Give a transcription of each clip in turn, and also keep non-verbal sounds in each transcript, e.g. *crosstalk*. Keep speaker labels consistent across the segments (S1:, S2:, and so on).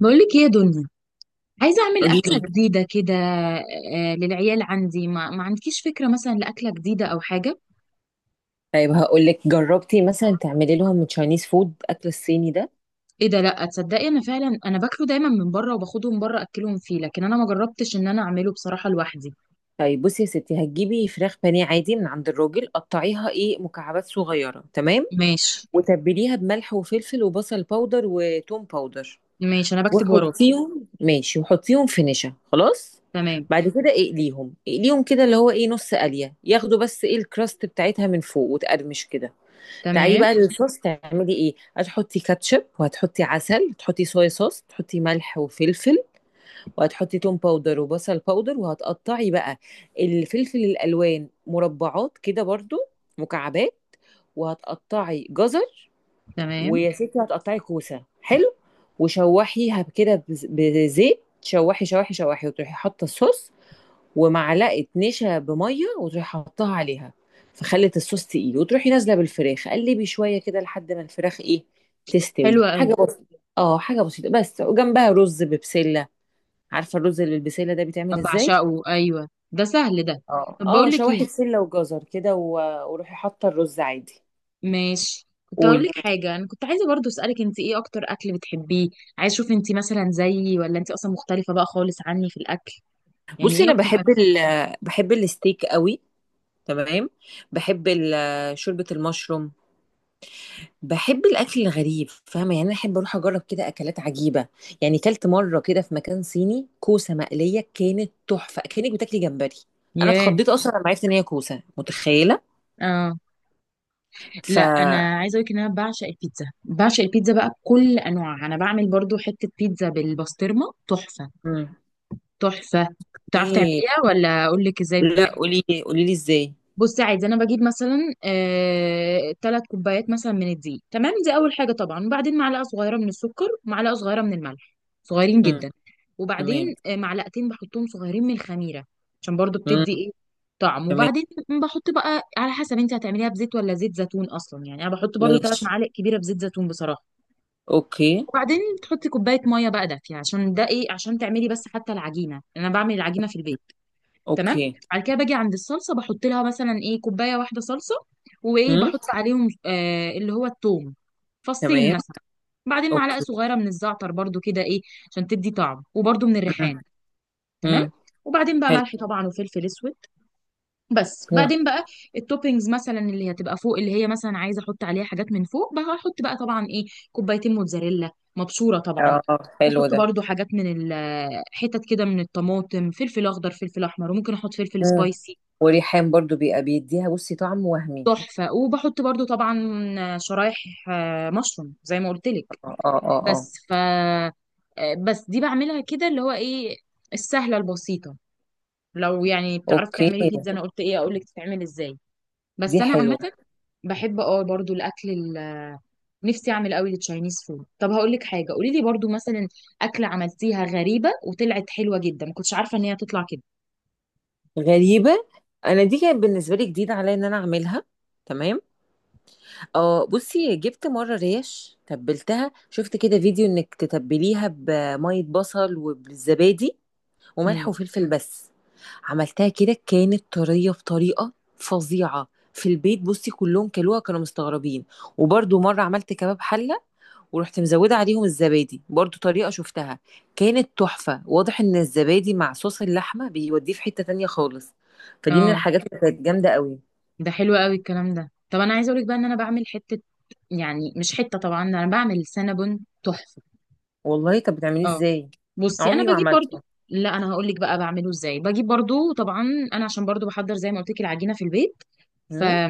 S1: بقولك ايه يا دنيا؟ عايزة أعمل
S2: قولي
S1: أكلة
S2: لي.
S1: جديدة كده للعيال عندي. ما عندكيش فكرة مثلا لأكلة جديدة أو حاجة؟
S2: طيب، هقول لك جربتي مثلا تعملي لهم من تشاينيز فود، اكل الصيني ده.
S1: ايه ده؟ لأ، تصدقي أنا فعلا باكله دايما من بره وباخده من بره أكلهم فيه، لكن أنا ما جربتش إن أنا أعمله بصراحة لوحدي.
S2: طيب بصي يا ستي، هتجيبي فراخ بانيه عادي من عند الراجل، قطعيها ايه مكعبات صغيره، تمام؟
S1: ماشي.
S2: وتبليها بملح وفلفل وبصل باودر وتوم باودر،
S1: ماشي، أنا بكتب وراكي.
S2: وحطيهم ماشي، وحطيهم في نشا، خلاص.
S1: تمام.
S2: بعد كده اقليهم اقليهم كده، اللي هو ايه، نص قليه ياخدوا بس، ايه، الكراست بتاعتها من فوق وتقرمش كده. تعالي
S1: تمام.
S2: بقى للصوص، تعملي ايه، هتحطي كاتشب وهتحطي عسل، تحطي صويا صوص، تحطي ملح وفلفل، وهتحطي توم باودر وبصل باودر. وهتقطعي بقى الفلفل الالوان مربعات كده برضو، مكعبات. وهتقطعي جزر،
S1: تمام.
S2: ويا ستي هتقطعي كوسه، حلو. وشوحيها كده بزيت، شوحي شوحي شوحي، وتروحي حاطه الصوص ومعلقه نشا بميه، وتروحي حاطاها عليها، فخلت الصوص تقيل. وتروحي نازله بالفراخ، قلبي شويه كده لحد ما الفراخ ايه
S1: حلو
S2: تستوي.
S1: أوي.
S2: حاجه بسيطه، حاجه بسيطه بس، وجنبها رز ببسله. عارفه الرز اللي بالبسله ده بيتعمل ازاي؟
S1: بعشقه، أيوه ده سهل ده.
S2: اه
S1: طب
S2: اه،
S1: بقولك
S2: شواحي
S1: ايه،
S2: بسله وجزر كده وروحي حاطه الرز عادي.
S1: ماشي، كنت هقول
S2: قولي.
S1: لك حاجة، أنا كنت عايزة برضو أسألك أنت إيه أكتر أكل بتحبيه؟ عايز أشوف أنت مثلا زيي ولا أنت أصلا مختلفة بقى خالص عني في الأكل. يعني
S2: بصي
S1: ايه
S2: انا
S1: اكتر
S2: بحب
S1: اكل؟
S2: بحب الستيك قوي، تمام. بحب شوربه المشروم. بحب الاكل الغريب، فاهمه يعني؟ انا احب اروح اجرب كده اكلات عجيبه. يعني كلت مره كده في مكان صيني كوسه مقليه، كانت تحفه، كانك بتاكلي جمبري. انا
S1: ياه.
S2: اتخضيت اصلا لما عرفت ان هي كوسه، متخيله؟
S1: اه.
S2: ف
S1: لا انا عايزه اقول لك ان انا بعشق البيتزا، بعشق البيتزا بقى بكل انواعها. انا بعمل برضو حته بيتزا بالبسطرمه تحفه.
S2: مم.
S1: تحفه. تعرف
S2: ايه.
S1: تعمليها ولا اقول لك ازاي؟
S2: لا قولي، قولي لي ازاي.
S1: بصي، عادي، انا بجيب مثلا تلات كوبايات مثلا من الدقيق، تمام، دي اول حاجه طبعا. وبعدين معلقه صغيره من السكر، ومعلقه صغيره من الملح، صغيرين
S2: مم.
S1: جدا. وبعدين
S2: تمام.
S1: معلقتين بحطهم صغيرين من الخميره عشان برضو بتدي
S2: امم.
S1: ايه، طعم.
S2: تمام.
S1: وبعدين بحط بقى على حسب انت هتعمليها بزيت ولا زيت زيتون. اصلا يعني انا بحط برضو تلات
S2: ماشي.
S1: معالق كبيره بزيت زيتون بصراحه.
S2: اوكي.
S1: وبعدين تحطي كوبايه ميه بقى دافيه، عشان ده ايه، عشان تعملي بس حتى العجينه. انا بعمل العجينه في البيت، تمام.
S2: اوكي.
S1: بعد كده باجي عند الصلصه، بحط لها مثلا ايه، كوبايه واحده صلصه، وايه
S2: امم.
S1: بحط عليهم آه اللي هو الثوم، فصين
S2: تمام.
S1: مثلا. بعدين معلقه
S2: اوكي.
S1: صغيره من الزعتر برضو كده ايه، عشان تدي طعم، وبرضو من
S2: امم.
S1: الريحان، تمام.
S2: امم.
S1: وبعدين بقى
S2: حلو.
S1: ملح طبعا وفلفل اسود. بس
S2: امم.
S1: بعدين بقى التوبينجز مثلا اللي هتبقى فوق، اللي هي مثلا عايزه احط عليها حاجات من فوق، بقى هحط بقى طبعا ايه، كوبايتين موتزاريلا مبشوره طبعا.
S2: اه. حلو
S1: بحط
S2: ده.
S1: برضو حاجات من حتت كده من الطماطم، فلفل اخضر، فلفل احمر، وممكن احط فلفل
S2: امم.
S1: سبايسي.
S2: وريحان برضو بيبقى بيديها، بصي، طعم وهمي.
S1: تحفة. وبحط برضو طبعا شرايح مشروم زي ما قلت لك.
S2: اه اه اه اه.
S1: بس ف آه، بس دي بعملها كده اللي هو ايه، السهلة البسيطة. لو يعني بتعرفي
S2: اوكي.
S1: تعملي بيتزا انا قلت ايه اقول لك تتعمل ازاي. بس
S2: دي
S1: انا عامة
S2: حلوه.
S1: بحب اه برضو الاكل نفسي اعمل قوي التشاينيز فود. طب هقول لك حاجة، قولي لي برضو مثلا اكلة عملتيها غريبة وطلعت حلوة جدا، ما كنتش عارفة ان هي تطلع كده.
S2: غريبه؟ انا دي كانت بالنسبه لي جديده عليا ان انا اعملها، تمام. اه بصي، جبت مره ريش، تبلتها، شفت كده فيديو انك تتبليها بميه بصل وبالزبادي وملح
S1: امم
S2: وفلفل بس. عملتها كده، كانت طرية بطريقة فظيعة في البيت. بصي كلهم كلوها، كانوا مستغربين. وبرضو مرة عملت كباب حلة، ورحت مزودة عليهم الزبادي، برضو طريقة شفتها. كانت تحفة. واضح ان الزبادي مع صوص اللحمة بيوديه في حتة تانية خالص. فدي من
S1: اه
S2: الحاجات اللي كانت جامدة قوي.
S1: ده حلو قوي الكلام ده. طب انا عايزه اقول لك بقى ان انا بعمل حته، يعني مش حته طبعا، انا بعمل سينابون تحفه.
S2: والله؟ طب بتعمليه
S1: اه.
S2: ازاي،
S1: بصي انا
S2: عمري ما
S1: بجيب
S2: عملته.
S1: برضو، لا انا هقول لك بقى بعمله ازاي. بجيب برضو طبعا، انا عشان برضو بحضر زي ما قلت لك العجينه في البيت، ف
S2: امم.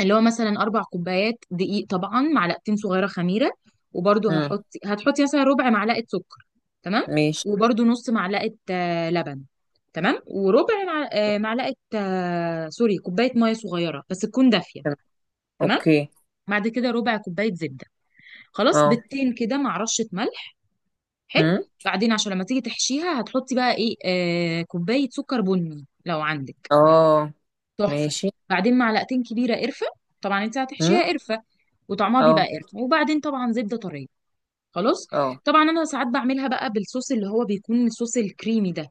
S1: اللي هو مثلا اربع كوبايات دقيق طبعا، معلقتين صغيره خميره. وبرضو
S2: امم.
S1: هتحطي مثلا ربع معلقه سكر، تمام.
S2: ماشي.
S1: وبرضو نص معلقه لبن، تمام. وربع معلقه آه، سوري كوبايه ميه صغيره بس تكون دافيه،
S2: تمام.
S1: تمام.
S2: اوكي.
S1: بعد كده ربع كوبايه زبده خلاص،
S2: اه.
S1: بيضتين كده مع رشه ملح. حلو.
S2: امم.
S1: بعدين عشان لما تيجي تحشيها هتحطي بقى ايه، آه، كوبايه سكر بني لو عندك،
S2: اه.
S1: تحفه.
S2: ماشي.
S1: بعدين معلقتين كبيره قرفه، طبعا انت
S2: امم.
S1: هتحشيها قرفه وطعمها بيبقى
S2: اه.
S1: قرفه. وبعدين طبعا زبده طريه خلاص.
S2: اه.
S1: طبعا انا ساعات بعملها بقى بالصوص، اللي هو بيكون الصوص الكريمي ده،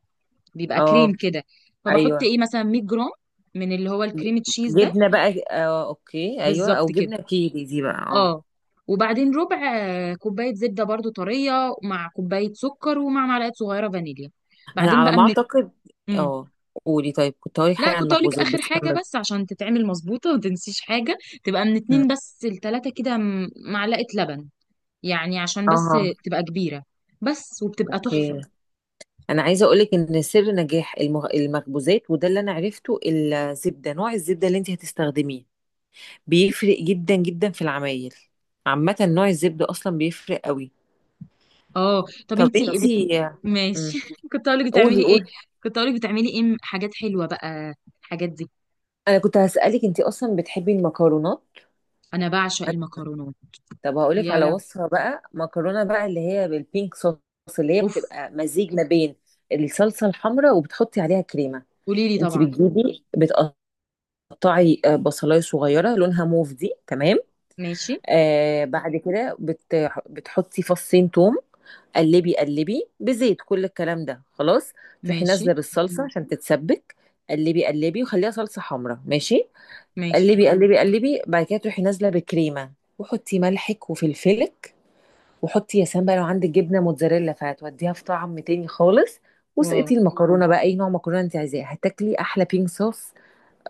S1: بيبقى كريم
S2: اه.
S1: كده. فبحط
S2: ايوه،
S1: ايه مثلا 100 جرام من اللي هو الكريم تشيز ده،
S2: جبنه بقى، اه اوكي، ايوه،
S1: بالظبط
S2: او
S1: كده.
S2: جبنه كيري دي بقى، اه.
S1: اه. وبعدين ربع كوباية زبدة برضو طرية، مع كوباية سكر، ومع معلقة صغيرة فانيليا.
S2: انا
S1: بعدين
S2: على
S1: بقى
S2: ما
S1: من
S2: اعتقد،
S1: مم.
S2: اه. قولي. طيب كنت هقولي
S1: لا
S2: حاجه عن
S1: كنت اقولك
S2: المخبوزات،
S1: اخر
S2: بس
S1: حاجة
S2: كمل.
S1: بس عشان تتعمل مظبوطة ومتنسيش حاجة. تبقى من
S2: مم.
S1: اتنين بس لتلاتة كده معلقة لبن، يعني عشان بس
S2: اه.
S1: تبقى كبيرة بس، وبتبقى تحفة.
S2: اوكي. انا عايزه اقول لك ان سر نجاح المخبوزات، وده اللي انا عرفته، الزبده، نوع الزبده اللي انت هتستخدميه بيفرق جدا جدا في العمايل. عامه نوع الزبده اصلا بيفرق قوي.
S1: اه طب
S2: طب
S1: انتي طب
S2: انت.
S1: ماشي *laughs* كنت اقولك
S2: قولي
S1: بتعملي ايه.
S2: قولي.
S1: كنت اقولك بتعملي ايه حاجات حلوة بقى، الحاجات دي.
S2: انا كنت هسالك، انت اصلا بتحبي المكرونات؟
S1: انا بعشق المكرونات.
S2: طب هقولك
S1: يا
S2: على
S1: لهوي.
S2: وصفة بقى مكرونة بقى، اللي هي بالبينك صوص، اللي هي
S1: اوف.
S2: بتبقى مزيج ما بين الصلصة الحمراء وبتحطي عليها كريمة.
S1: قوليلي
S2: انت
S1: طبعا.
S2: بتجيبي، بتقطعي بصلاية صغيرة لونها موف دي، تمام.
S1: ماشي.
S2: بعد كده بتحطي فصين توم، قلبي قلبي بزيت، كل الكلام ده خلاص. تروحي
S1: ماشي.
S2: نازلة بالصلصة، مم، عشان تتسبك. قلبي قلبي وخليها صلصة حمراء، ماشي.
S1: ماشي.
S2: قلبي قلبي قلبي. بعد كده تروحي نازلة بكريمة، وحطي ملحك وفلفلك، وحطي يا سلام بقى لو عندك جبنه موتزاريلا، فهتوديها في طعم تاني خالص.
S1: واو.
S2: وسقتي المكرونه بقى، اي نوع مكرونه انت عايزاه، هتاكلي احلى بينك صوص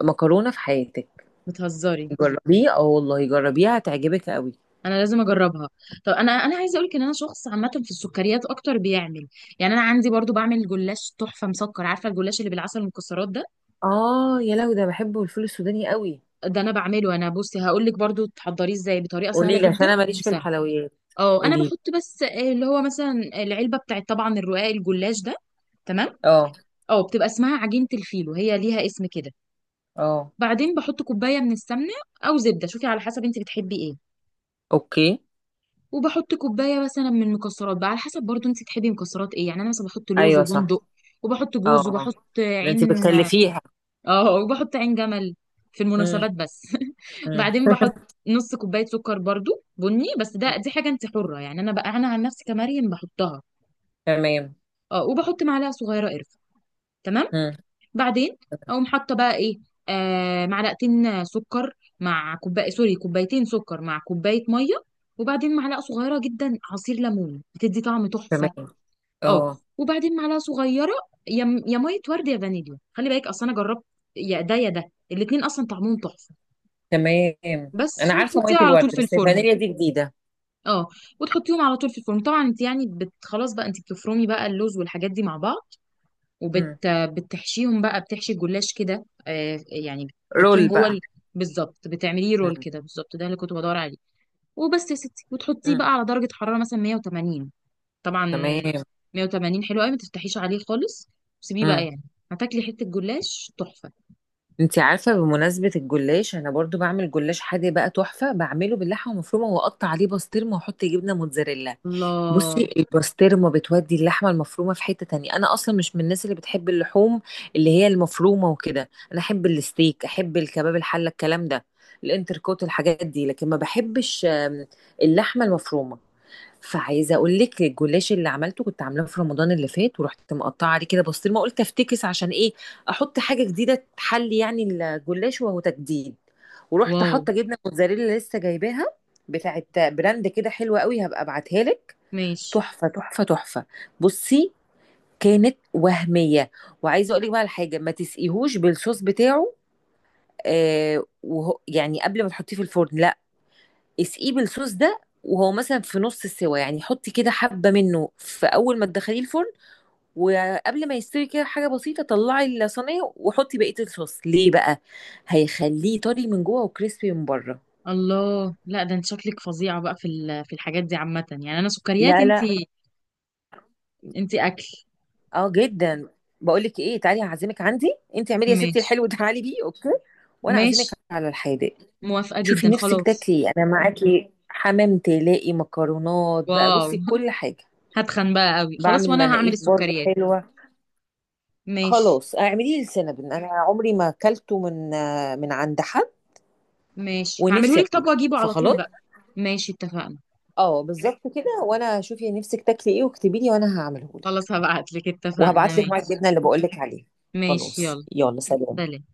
S2: مكرونه في حياتك.
S1: بتهزري.
S2: جربيه، اه والله جربيها هتعجبك قوي.
S1: انا لازم اجربها. طب انا عايزه اقولك ان انا شخص عامه في السكريات اكتر بيعمل. يعني انا عندي برضو بعمل جلاش تحفه مسكر. عارفه الجلاش اللي بالعسل والمكسرات ده،
S2: اه يا لو ده بحبه، الفول السوداني قوي.
S1: ده انا بعمله. انا بصي هقولك برضو تحضريه ازاي بطريقه سهله
S2: قولي لي، عشان
S1: جدا
S2: انا ماليش في
S1: وسهله.
S2: الحلويات.
S1: اه انا
S2: قولي لي.
S1: بحط بس اللي هو مثلا العلبه بتاعت طبعا الرقاق الجلاش ده، تمام.
S2: اه.
S1: اه بتبقى اسمها عجينه الفيلو، هي ليها اسم كده.
S2: اه.
S1: بعدين بحط كوبايه من السمنه او زبده، شوفي على حسب انت بتحبي ايه.
S2: اوكي.
S1: وبحط كوبايه مثلا من مكسرات بقى على حسب برضو انت تحبي مكسرات ايه. يعني انا مثلا بحط لوز
S2: ايوه، صح.
S1: وبندق، وبحط
S2: اه.
S1: جوز،
S2: آه.
S1: وبحط
S2: ده انت
S1: عين،
S2: بتكلفيها.
S1: اه وبحط عين جمل في
S2: امم.
S1: المناسبات بس *laughs*
S2: امم.
S1: بعدين بحط
S2: *laughs*
S1: نص كوبايه سكر برضو بني، بس ده دي حاجه انت حره، يعني انا بقى انا عن نفسي كمريم بحطها.
S2: تمام.
S1: اه وبحط معلقه صغيره قرفه، تمام.
S2: امم.
S1: بعدين اقوم حاطه بقى ايه، آه معلقتين سكر مع كوبايه كوبايتين سكر مع كوبايه ميه. وبعدين معلقه صغيره جدا عصير ليمون بتدي طعم
S2: تمام.
S1: تحفه. اه.
S2: اه.
S1: وبعدين معلقه صغيره، يا يا ميه ورد يا فانيليا، خلي بالك اصل انا جربت يا ده يا ده، الاتنين اصلا طعمهم تحفه.
S2: تمام. انا
S1: بس
S2: عارفه ميه
S1: وتحطيها على طول
S2: الورد،
S1: في
S2: بس
S1: الفرن.
S2: الفانيليا دي جديده.
S1: اه وتحطيهم على طول في الفرن طبعا. انت يعني خلاص بقى، انت بتفرمي بقى اللوز والحاجات دي مع بعض، وبت
S2: مم.
S1: بتحشيهم بقى، بتحشي الجلاش كده آه يعني، بتحطيهم
S2: رول
S1: جوه
S2: بقى.
S1: بالظبط، بتعمليه رول
S2: مم.
S1: كده، بالظبط ده اللي كنت بدور عليه. وبس يا ستي، وتحطيه
S2: مم.
S1: بقى على درجه حراره مثلا 180 طبعا.
S2: تمام.
S1: 180 حلو قوي، ما تفتحيش عليه خالص، سيبيه بقى
S2: مم.
S1: يعني. هتاكلي حتة جلاش تحفة.
S2: انت عارفه، بمناسبه الجلاش، انا برضو بعمل جلاش حادق بقى تحفه، بعمله باللحمه المفرومه واقطع عليه بسطرمه واحط جبنه موتزاريلا.
S1: الله.
S2: بصي البسطرمه بتودي اللحمه المفرومه في حته تانية. انا اصلا مش من الناس اللي بتحب اللحوم، اللي هي المفرومه وكده. انا احب الستيك، احب الكباب الحله، الكلام ده، الانتركوت، الحاجات دي. لكن ما بحبش اللحمه المفرومه. فعايزه اقول لك، الجلاش اللي عملته كنت عاملاه في رمضان اللي فات، ورحت مقطعه عليه كده بسطرمه، قلت افتكس، عشان ايه، احط حاجه جديده تحلي يعني الجلاش، وهو تجديد. ورحت
S1: واو.
S2: حاطه جبنه موتزاريلا لسه جايباها، بتاعت براند كده حلوه قوي، هبقى ابعتها لك.
S1: ماشي.
S2: تحفة تحفة تحفة. بصي كانت وهمية. وعايزة اقول لك بقى على حاجة، ما تسقيهوش بالصوص بتاعه، وهو يعني قبل ما تحطيه في الفرن، لا. اسقيه بالصوص ده وهو مثلا في نص السوا، يعني حطي كده حبة منه في أول ما تدخليه الفرن، وقبل ما يستوي كده حاجة بسيطة، طلعي الصينية وحطي بقية الصوص ليه بقى. هيخليه طري من جوه وكريسبي من بره.
S1: الله، لا ده انت شكلك فظيعة بقى في في الحاجات دي عامة، يعني انا سكريات
S2: لا
S1: انت،
S2: لا.
S1: انت اكل.
S2: اه جدا. بقول لك ايه، تعالي هعزمك عندي، انت اعملي يا ستي
S1: ماشي.
S2: الحلو ده، تعالي بيه، اوكي؟ وانا اعزمك
S1: ماشي،
S2: على الحادق.
S1: موافقة
S2: شوفي
S1: جدا،
S2: نفسك
S1: خلاص.
S2: تاكلي إيه. انا معاكي حمام تلاقي مكرونات بقى،
S1: واو
S2: بصي كل حاجه.
S1: *laughs* هتخن بقى قوي خلاص،
S2: بعمل
S1: وانا هعمل
S2: مناقيش برضه
S1: السكريات.
S2: حلوه.
S1: ماشي.
S2: خلاص اعملي لي السينابون، انا عمري ما اكلته من من عند حد،
S1: ماشي هعمله
S2: ونفسي
S1: لك، طب
S2: اكله،
S1: واجيبه على طول
S2: فخلاص.
S1: بقى. ماشي اتفقنا.
S2: اه بالظبط كده. وانا شوفي نفسك تاكلي ايه، واكتبي لي، وانا هعمله لك.
S1: خلاص هبعت لك، اتفقنا،
S2: وهبعت لك مع
S1: ماشي.
S2: الجبنه اللي بقول لك عليها.
S1: ماشي،
S2: خلاص،
S1: يلا،
S2: يلا، سلام.
S1: سلام.